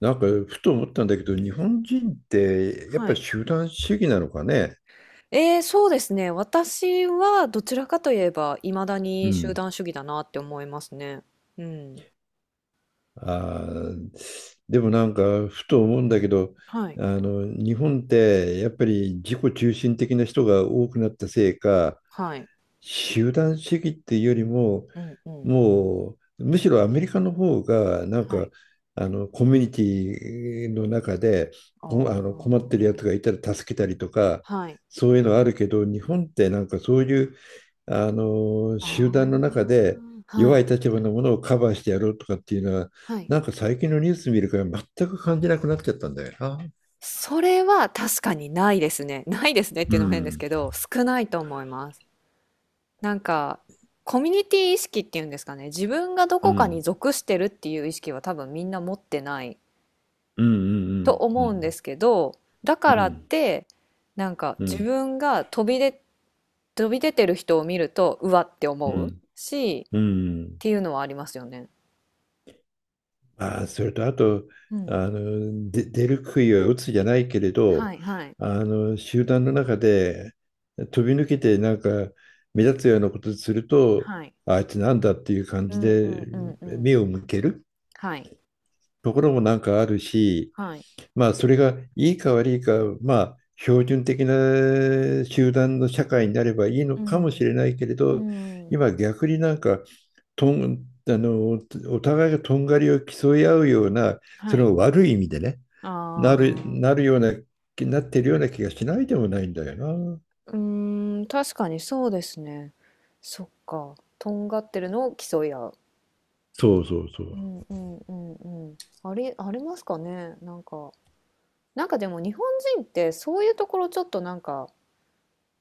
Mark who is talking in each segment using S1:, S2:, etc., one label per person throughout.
S1: なんか、ふと思ったんだけど、日本人って、やっ
S2: は
S1: ぱり
S2: い。
S1: 集団主義なのかね。
S2: そうですね。私はどちらかといえば、いまだ
S1: う
S2: に集
S1: ん。
S2: 団主義だなって思いますね。うん。
S1: あー、でもなんか、ふと思うんだけど、
S2: はい。
S1: 日本って、やっぱり自己中心的な人が多くなったせいか、
S2: はい。
S1: 集団主義っていうよりも、
S2: うんうん。
S1: もう、むしろアメリカの方が、なん
S2: は
S1: か、
S2: い。
S1: コミュニティの中で、
S2: あ
S1: こあの、困ってるや
S2: あ。
S1: つがいたら助けたりとか、
S2: はい。
S1: そういうのあるけど、日本ってなんかそういう、あの集団の
S2: あ
S1: 中で
S2: あ。は
S1: 弱い
S2: い。
S1: 立場のものをカバーしてやろうとかっていうのは、
S2: はい。
S1: なんか最近のニュース見るから全く感じなくなっちゃったんだよな。
S2: それは確かにないですね。ないですねっ
S1: う
S2: ていうのも変です
S1: ん。
S2: けど、少ないと思います。なんか、コミュニティ意識っていうんですかね。自分がど
S1: う
S2: こかに
S1: ん。
S2: 属してるっていう意識は多分みんな持ってない
S1: うん。う
S2: と
S1: ん。う
S2: 思うんで
S1: ん。
S2: すけど、だ
S1: う
S2: からっ
S1: ん。
S2: てなんか
S1: う
S2: 自
S1: ん。
S2: 分が飛び出、飛び出てる人を見るとうわって
S1: う
S2: 思う
S1: ん。
S2: しっ
S1: うん。
S2: ていうのはありますよね。
S1: まあそれとあと、
S2: うん。
S1: で、出る杭は打つじゃないけれど、
S2: はいはい
S1: あの集団の中で飛び抜けてなんか目立つようなことすると、
S2: はい。
S1: あいつなんだっていう感
S2: う
S1: じ
S2: んう
S1: で
S2: んうんうん。
S1: 目を向ける。
S2: はい
S1: ところもなんかあるし、
S2: はい。
S1: まあそれがいいか悪いか、まあ標準的な集団の社会になればいいの
S2: う
S1: かもし
S2: ん。
S1: れないけれど、
S2: うん。
S1: 今逆になんか、とん、あの、お互いがとんがりを競い合うような、
S2: は
S1: そ
S2: い。
S1: の悪い意味でね、な
S2: あ
S1: る、な
S2: あ。
S1: るような、なってるような気がしないでもないんだよな。
S2: うーん、確かにそうですね。そっか。とんがってるのを競い合う。
S1: そうそうそ
S2: う
S1: う。
S2: んうんうんうん。ありますかね。なんか。なんかでも日本人ってそういうところちょっとなんか、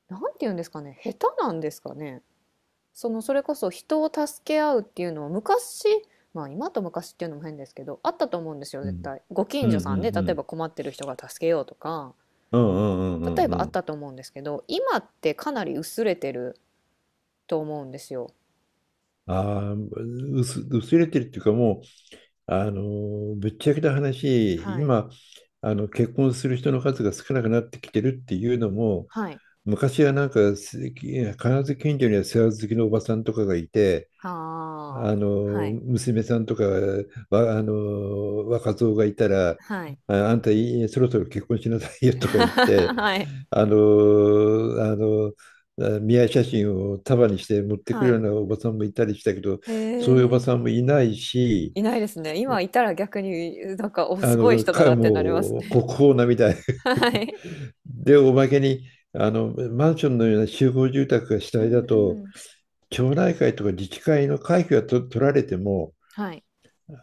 S2: なんて言うんですかね、下手なんですかね。そのそれこそ人を助け合うっていうのは昔、まあ今と昔っていうのも変ですけど、あったと思うんですよ。
S1: う
S2: 絶
S1: ん。
S2: 対ご
S1: う
S2: 近所
S1: ん。う
S2: さんで
S1: ん。う
S2: 例え
S1: ん。
S2: ば困ってる人が助けようとか、
S1: うん。うん。う
S2: 例
S1: ん。
S2: え
S1: うん。
S2: ば
S1: う
S2: あっ
S1: ん。
S2: たと思うんですけど、今ってかなり薄れてると思うんですよ。
S1: ああ、薄れてるっていうかもう、ぶっちゃけた話、
S2: はい
S1: 今、結婚する人の数が少なくなってきてるっていうのも、
S2: はい。
S1: 昔はなんか、必ず近所には世話好きのおばさんとかがいて、
S2: はあ。
S1: あの、
S2: はい
S1: 娘さんとか、わ、あの、若造がいたら、
S2: はい。
S1: あんたいいそろそろ結婚しなさいよ とか言って、
S2: はい
S1: あの、あの、見合い写真を束にして持ってく
S2: は
S1: るよ
S2: い。
S1: うなおばさんもいたりしたけど、
S2: へ
S1: そういうおば
S2: え。
S1: さんもいないし、
S2: いないですね。今いたら逆に、なんか、お、すごい人だなってなります
S1: もう
S2: ね。
S1: 国宝なみたい。
S2: はい。
S1: で、おまけに、マンションのような集合住宅が主
S2: う
S1: 体
S2: ん
S1: だ
S2: う
S1: と、
S2: ん。
S1: 町内会とか自治会の会費が取られても、
S2: はい。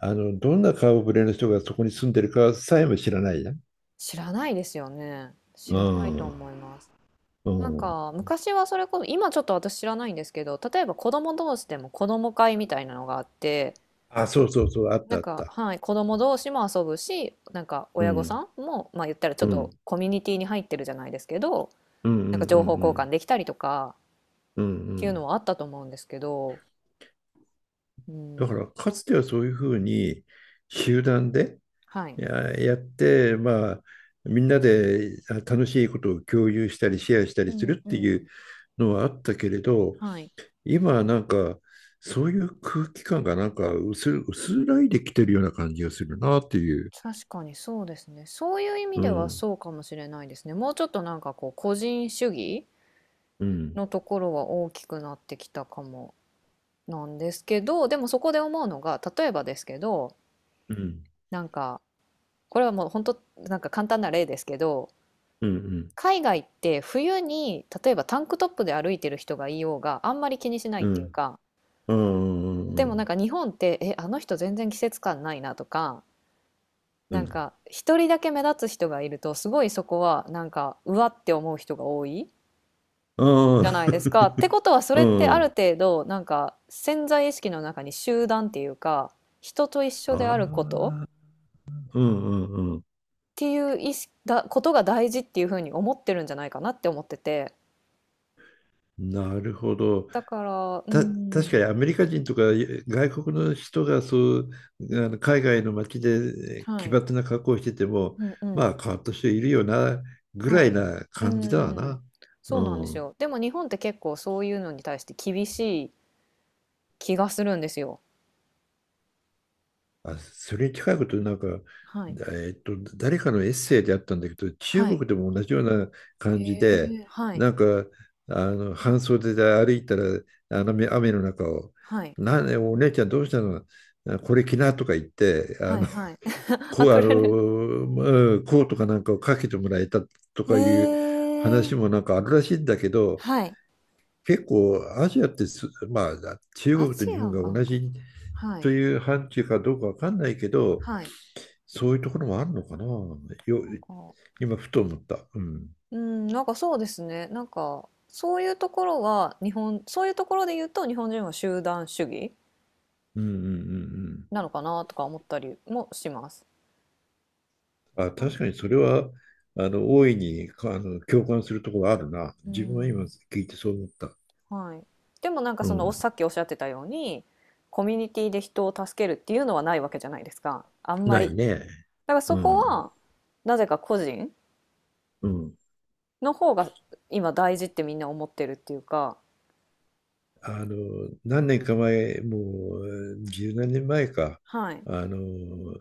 S1: どんな顔ぶれの人がそこに住んでるかさえも知らないじゃん。
S2: 知らないですよね。知
S1: う
S2: らないと
S1: ん。
S2: 思います。
S1: う
S2: なん
S1: ん。
S2: か、昔はそれこそ、今ちょっと私知らないんですけど、例えば子供同士でも子供会みたいなのがあって、
S1: あ、そうそうそう、あっ
S2: な
S1: た
S2: ん
S1: あっ
S2: か、
S1: た。
S2: はい、子供同士も遊ぶし、なんか
S1: う
S2: 親御
S1: ん。
S2: さんも、まあ言ったらちょ
S1: う
S2: っと
S1: ん。
S2: コミュニティに入ってるじゃないですけど、
S1: うん。う
S2: なん
S1: ん。
S2: か
S1: う
S2: 情
S1: ん。
S2: 報交
S1: う
S2: 換
S1: ん。
S2: できたりとか
S1: うん。う
S2: っていうの
S1: ん。
S2: はあったと思うんですけど、う
S1: だか
S2: ん、
S1: ら、かつてはそういうふうに集団で、
S2: はい、
S1: いや、やって、まあ、みんなで楽しいことを共有したり、シェアした
S2: う
S1: りす
S2: ん
S1: るっ
S2: う
S1: ていう
S2: ん。
S1: のはあったけれど、
S2: はい。
S1: 今はなんか、そういう空気感がなんか薄らいできてるような感じがするなっていう。
S2: 確かにそうですね。そういう意味
S1: う
S2: では
S1: ん。
S2: そうかもしれないですね。もうちょっとなんかこう個人主義
S1: うん。
S2: のところは大きくなってきたかもなんですけど、でもそこで思うのが、例えばですけど、
S1: うん。
S2: なんかこれはもう本当なんか簡単な例ですけど、
S1: うん。うん。
S2: 海外って冬に例えばタンクトップで歩いてる人がいようがあんまり気にしない
S1: う
S2: っていう
S1: ん。
S2: か、
S1: う
S2: で
S1: ん。
S2: も
S1: う
S2: な
S1: ん。
S2: んか日本って、え、あの人全然季節感ないなとか、
S1: うん。
S2: な
S1: う
S2: ん
S1: ん。
S2: か一人だけ目立つ人がいるとすごいそこはなんかうわって思う人が多いじゃないですか。ってことはそ
S1: う
S2: れって
S1: ん。う
S2: ある
S1: ん。
S2: 程度なんか潜在意識の中に集団っていうか人と一緒であることっ
S1: ああ。うん。うん。うん。
S2: ていう意識だことが大事っていうふうに思ってるんじゃないかなって思ってて、
S1: なるほど。
S2: だから。う
S1: た、確
S2: ん。
S1: かにアメリカ人とか外国の人がそう、海外の街で
S2: は
S1: 奇
S2: い。
S1: 抜な格好をしてても、
S2: うんう
S1: ま
S2: ん。
S1: あ変わった人いるよなぐら
S2: は
S1: い
S2: い。
S1: な
S2: う
S1: 感じだわ
S2: ん。
S1: な。
S2: そうなんで
S1: う
S2: す
S1: ん。
S2: よ。でも日本って結構そういうのに対して厳しい気がするんですよ。
S1: あ、それに近いことなんか、
S2: はい。
S1: 誰かのエッセイであったんだけど、中
S2: は
S1: 国
S2: い。
S1: でも同じような
S2: へ
S1: 感じで
S2: え、はい、
S1: なんか、半袖で歩いたら、雨の中を
S2: はい、
S1: 「なお姉ちゃんどうしたの、あこれ着な」とか言って、
S2: はい、はい。あ、
S1: こう、あ
S2: く
S1: の、
S2: れる。
S1: うんこうとかなんかをかけてもらえたと
S2: へ
S1: かいう
S2: え、
S1: 話もなんかあるらしいんだけど、
S2: はい。
S1: 結構アジアってまあ、中
S2: ア
S1: 国
S2: ジ
S1: と日本
S2: ア
S1: が
S2: かな
S1: 同
S2: んかな。
S1: じ
S2: は
S1: と
S2: い、
S1: いう範疇かどうかわかんないけど、
S2: はい。
S1: そういうところもあるのかな。よ、
S2: なんか、
S1: 今、ふと思った。うん。
S2: うん、なんかそうですね。なんか、そういうところは、日本、そういうところで言うと、日本人は集団主義
S1: うん。うん。う
S2: な
S1: ん。
S2: のかなとか思ったりもします。
S1: うん。あ、確かにそれは、大いに、かあの、共感するところあるな。
S2: う
S1: 自分は今
S2: ん、
S1: 聞いてそう思った。
S2: はい。でもなんか
S1: う
S2: そのお
S1: ん。
S2: さっきおっしゃってたように、コミュニティで人を助けるっていうのはないわけじゃないですか。あんま
S1: な
S2: り。だ
S1: いね。
S2: からそ
S1: う
S2: こ
S1: ん。
S2: はなぜか個人
S1: うん。
S2: の方が今大事ってみんな思ってるっていうか、
S1: あの、何年か前、もう十何年前か、
S2: はい。
S1: あの、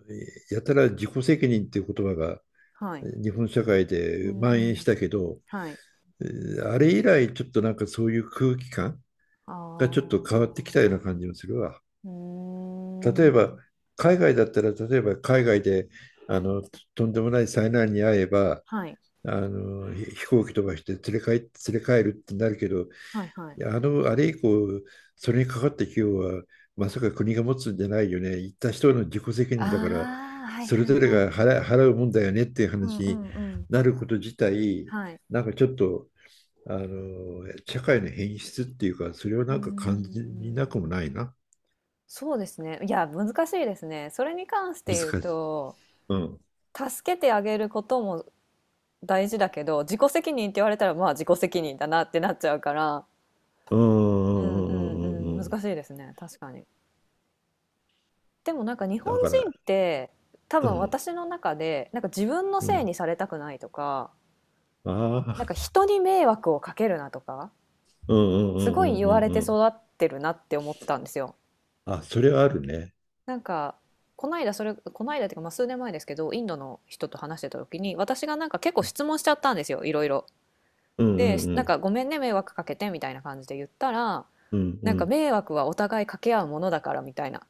S1: やたら自己責任っていう言葉が
S2: はい。
S1: 日本社会
S2: う
S1: で
S2: んう
S1: 蔓延し
S2: ん。
S1: たけど、
S2: はい。
S1: あれ以来ちょっとなんかそういう空気感
S2: あ
S1: がちょっと変わってきたような
S2: ー。
S1: 感じもするわ。
S2: うー
S1: 例えば、
S2: ん。
S1: 海外だったら、例えば海外で、あの、とんでもない災難に遭えば、
S2: あ。はい。
S1: 飛行機飛ばして連れ帰るってなるけど、い
S2: はいはい。
S1: や、あれ以降、それにかかった費用は、まさか国が持つんじゃないよね。行った人の自己責
S2: あ
S1: 任だから、
S2: ー、はい
S1: そ
S2: は
S1: れ
S2: い
S1: ぞれ
S2: はい。
S1: が払うもんだよねっていう
S2: うん
S1: 話
S2: う
S1: に
S2: んうん。
S1: なること自体、
S2: はい。
S1: なんかちょっと、社会の変質っていうか、それを
S2: うー
S1: なんか感じな
S2: ん、
S1: くもないな。
S2: そうですね。いや、難しいですね。それに関して
S1: 難
S2: 言う
S1: しい。
S2: と、
S1: うん。
S2: 助けてあげることも大事だけど、自己責任って言われたら、まあ自己責任だなってなっちゃうから、
S1: うん。
S2: うんう
S1: うん。うん。うん。う
S2: んうん、
S1: ん。うん。
S2: 難しいですね。確かに。でもなんか日本
S1: だか
S2: 人っ
S1: ら、
S2: て多
S1: う
S2: 分
S1: ん。
S2: 私の中でなんか自分の
S1: う
S2: せい
S1: ん。
S2: にされたくないとか、
S1: あ
S2: なん
S1: あ。
S2: か人に迷惑をかけるなとか、
S1: うん。うん。う
S2: す
S1: ん。
S2: ご
S1: う
S2: い言わ
S1: ん。
S2: れ
S1: う
S2: て
S1: ん。うん。
S2: 育ってるなって思ったんですよ。
S1: あ、それはあるね。
S2: なんかこの間、それ、この間っていうかまあ数年前ですけど、インドの人と話してた時に私がなんか結構質問しちゃったんですよ、いろいろ。
S1: うん。う
S2: で
S1: ん。う
S2: なん
S1: ん。
S2: か「ごめんね、迷惑かけて」みたいな感じで言ったら、
S1: うん。う
S2: なんか
S1: ん。
S2: 迷惑はお互いかけ合うものだから、みたいな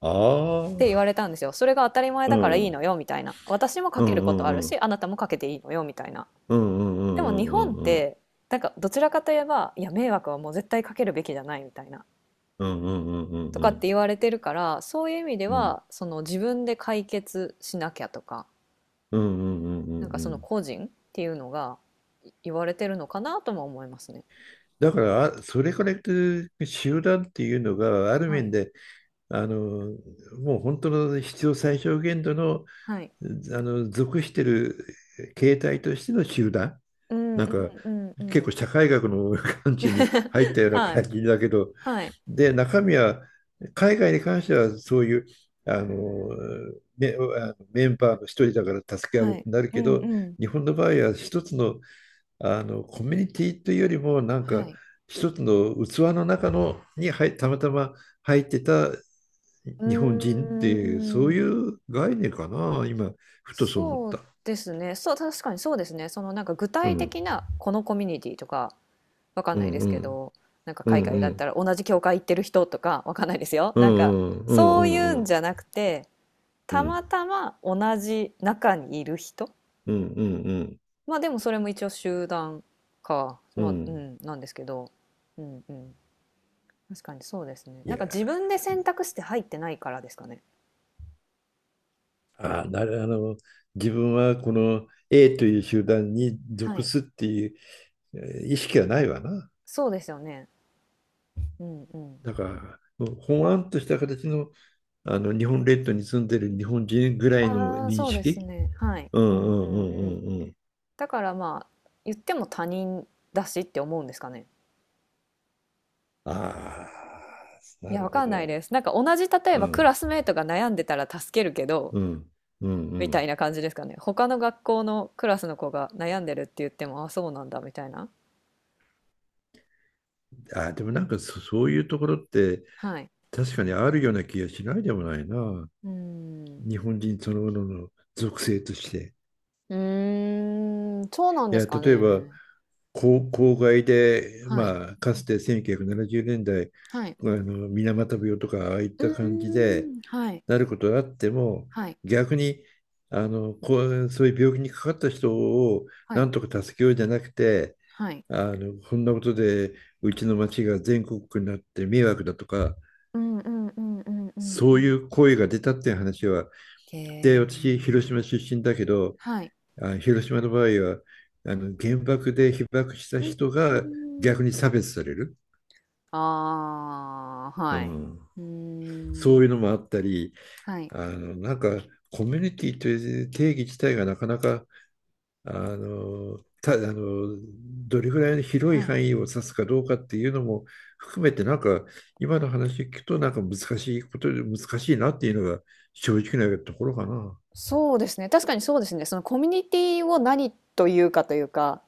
S1: あ
S2: って言わ
S1: あ。
S2: れたんですよ。それが当たり前
S1: う
S2: だから
S1: ん。
S2: い
S1: う
S2: い
S1: ん。
S2: のよ、みたいな。私もか
S1: う
S2: けることあ
S1: ん。
S2: る
S1: う
S2: し、
S1: ん。
S2: あなたもかけていいのよ、みたいな。
S1: うん。うん。う
S2: でも日
S1: ん。
S2: 本っ
S1: うん。うん。
S2: てなんかどちらかといえば、いや迷惑はもう絶対かけるべきじゃないみたいな、
S1: うん。うん。うん。
S2: と
S1: う
S2: かっ
S1: ん。
S2: て言われてるから、そういう意味で
S1: うん。
S2: はその自分で解決しなきゃとか、
S1: うん。うん。
S2: なんか
S1: う
S2: その
S1: ん。
S2: 個人っていうのが言われてるのかなとも思いますね。
S1: だから、それから言って、集団っていうのがある
S2: は
S1: 面
S2: い。
S1: で、あのもう本当の必要最小限度の、
S2: はい。
S1: 属してる形態としての集団、
S2: うんう
S1: なんか
S2: んうんう
S1: 結構
S2: ん。
S1: 社会学の感じに入ったよう な
S2: は
S1: 感
S2: い。
S1: じだけど、
S2: はい。
S1: で、中身は、海外に関してはそういう、あのメンバーの一人だから助け合うっ
S2: は
S1: て
S2: い。
S1: なる
S2: う
S1: け
S2: んう
S1: ど、
S2: ん。
S1: 日本の場合は一つの、コミュニティというよりも、なんか
S2: はい。
S1: 一つの器の中のにたまたま入ってた
S2: う
S1: 日本人って
S2: ー
S1: いう、そうい
S2: ん。
S1: う概念かな、今ふとそう思っ
S2: そう
S1: た。
S2: ですね。そう、確かにそうですね。そのなんか具
S1: う
S2: 体
S1: ん。
S2: 的なこのコミュニティとかわかん
S1: うん。
S2: ないです
S1: う
S2: け
S1: ん。
S2: ど、なんか
S1: う
S2: 海
S1: ん。
S2: 外だ
S1: う
S2: った
S1: ん。
S2: ら同じ教会行ってる人とかわかんないですよ。
S1: う
S2: なんか
S1: ん。うん。う
S2: そういう
S1: ん。う
S2: ん
S1: ん。
S2: じゃなくて、
S1: う
S2: た
S1: ん。
S2: またま同じ中にいる人。
S1: うん。うん。うん。
S2: まあでもそれも一応集団か。
S1: う
S2: まあ、う
S1: ん。
S2: ん、なんですけど。うんうん。確かにそうですね。
S1: い
S2: なんか自
S1: や、
S2: 分で選択して入ってないからですかね。
S1: あなる、あの、自分はこの A という集団に
S2: は
S1: 属
S2: い。
S1: すっていう、え意識はないわな。
S2: そうですよね。うんうん。
S1: だから、もうほわんとした形の、あの日本列島に住んでる日本人ぐらいの
S2: ああ、
S1: 認
S2: そうです
S1: 識。
S2: ね。はい。
S1: う
S2: う
S1: ん。
S2: ん
S1: う
S2: う
S1: ん。う
S2: んうん。
S1: ん。うん。うん。
S2: だからまあ、言っても他人だしって思うんですかね。
S1: ああ、
S2: い
S1: な
S2: や、わ
S1: るほ
S2: かんない
S1: ど。
S2: です。なんか同じ、例え
S1: う
S2: ばクラ
S1: ん。
S2: スメートが悩んでたら助けるけど、
S1: うん。うん。う
S2: みたい
S1: ん。
S2: な感じですかね。他の学校のクラスの子が悩んでるって言っても、あ、そうなんだ、みたいな。
S1: でもなんか、そういうところって
S2: はい。
S1: 確かにあるような気がしないでもないな。
S2: うーん。
S1: 日本人そのものの属性として。
S2: うーん、そうなん
S1: い
S2: です
S1: や、
S2: か
S1: 例えば、
S2: ね。
S1: 郊外で、
S2: はい。
S1: まあ、かつて1970年代、
S2: はい。
S1: あの水俣病とか、ああいっ
S2: う
S1: た感じで
S2: ーん、はい。
S1: なることがあっても、
S2: はい。
S1: 逆にこう、そういう病気にかかった人を
S2: は
S1: な
S2: い。
S1: んとか助けようじゃなくて、
S2: はい。
S1: あのこんなことでうちの町が全国区になって迷惑だとか、
S2: うんうんうんうんうんう
S1: そうい
S2: ん。
S1: う声が出たっていう話は、で、
S2: へ
S1: 私、広島
S2: え。
S1: 出身だけど、
S2: はい。
S1: 広島の場合は、あの原爆で被爆した
S2: うん、う
S1: 人が逆
S2: ーん。
S1: に差別される、
S2: ああ、
S1: う
S2: はい。
S1: ん、
S2: うー
S1: そ
S2: ん。
S1: ういうのもあったり、
S2: はい。
S1: なんかコミュニティという定義自体がなかなか、あのたあのどれぐらいの広い
S2: はい。
S1: 範囲を指すかどうかっていうのも含めて、なんか今の話聞くと、なんか難しいことで難しいなっていうのが正直なところかな。
S2: そうですね。確かにそうですね。そのコミュニティを何というかというか、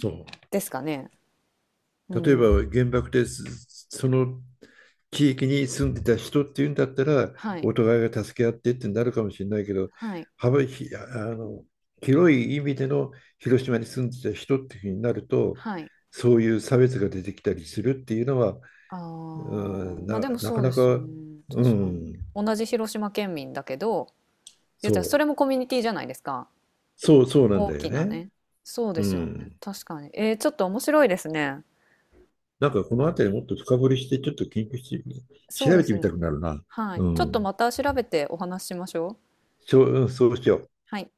S1: そう。
S2: ですかね。う
S1: 例えば
S2: ん。
S1: 原爆でその地域に住んでた人っていうんだったら、
S2: はい。
S1: お互いが助け合ってってなるかもしれないけど、
S2: はい。
S1: 幅ひあの広い意味での広島に住んでた人っていうふうになると、
S2: はい。
S1: そういう差別が出てきたりするっていうのは、
S2: ああ、
S1: うん、
S2: まあ
S1: な、
S2: でも
S1: な
S2: そ
S1: か
S2: うで
S1: な
S2: すよね。
S1: か、う
S2: 確かに。
S1: ん、
S2: 同じ広島県民だけど、言っ
S1: そ
S2: たらそ
S1: う、
S2: れもコミュニティじゃないですか。
S1: そう、そうなん
S2: 大
S1: だよ
S2: きな
S1: ね。
S2: ね。そうで
S1: う
S2: すよね。
S1: ん。
S2: 確かに。えー、ちょっと面白いですね。
S1: なんかこの辺りもっと深掘りしてちょっと研究して
S2: そう
S1: 調
S2: で
S1: べて
S2: す
S1: みた
S2: ね。
S1: くなるな。
S2: は
S1: う
S2: い。ちょっと
S1: ん。
S2: また調べてお話ししましょう。
S1: そう、うん、そうしよう。
S2: はい。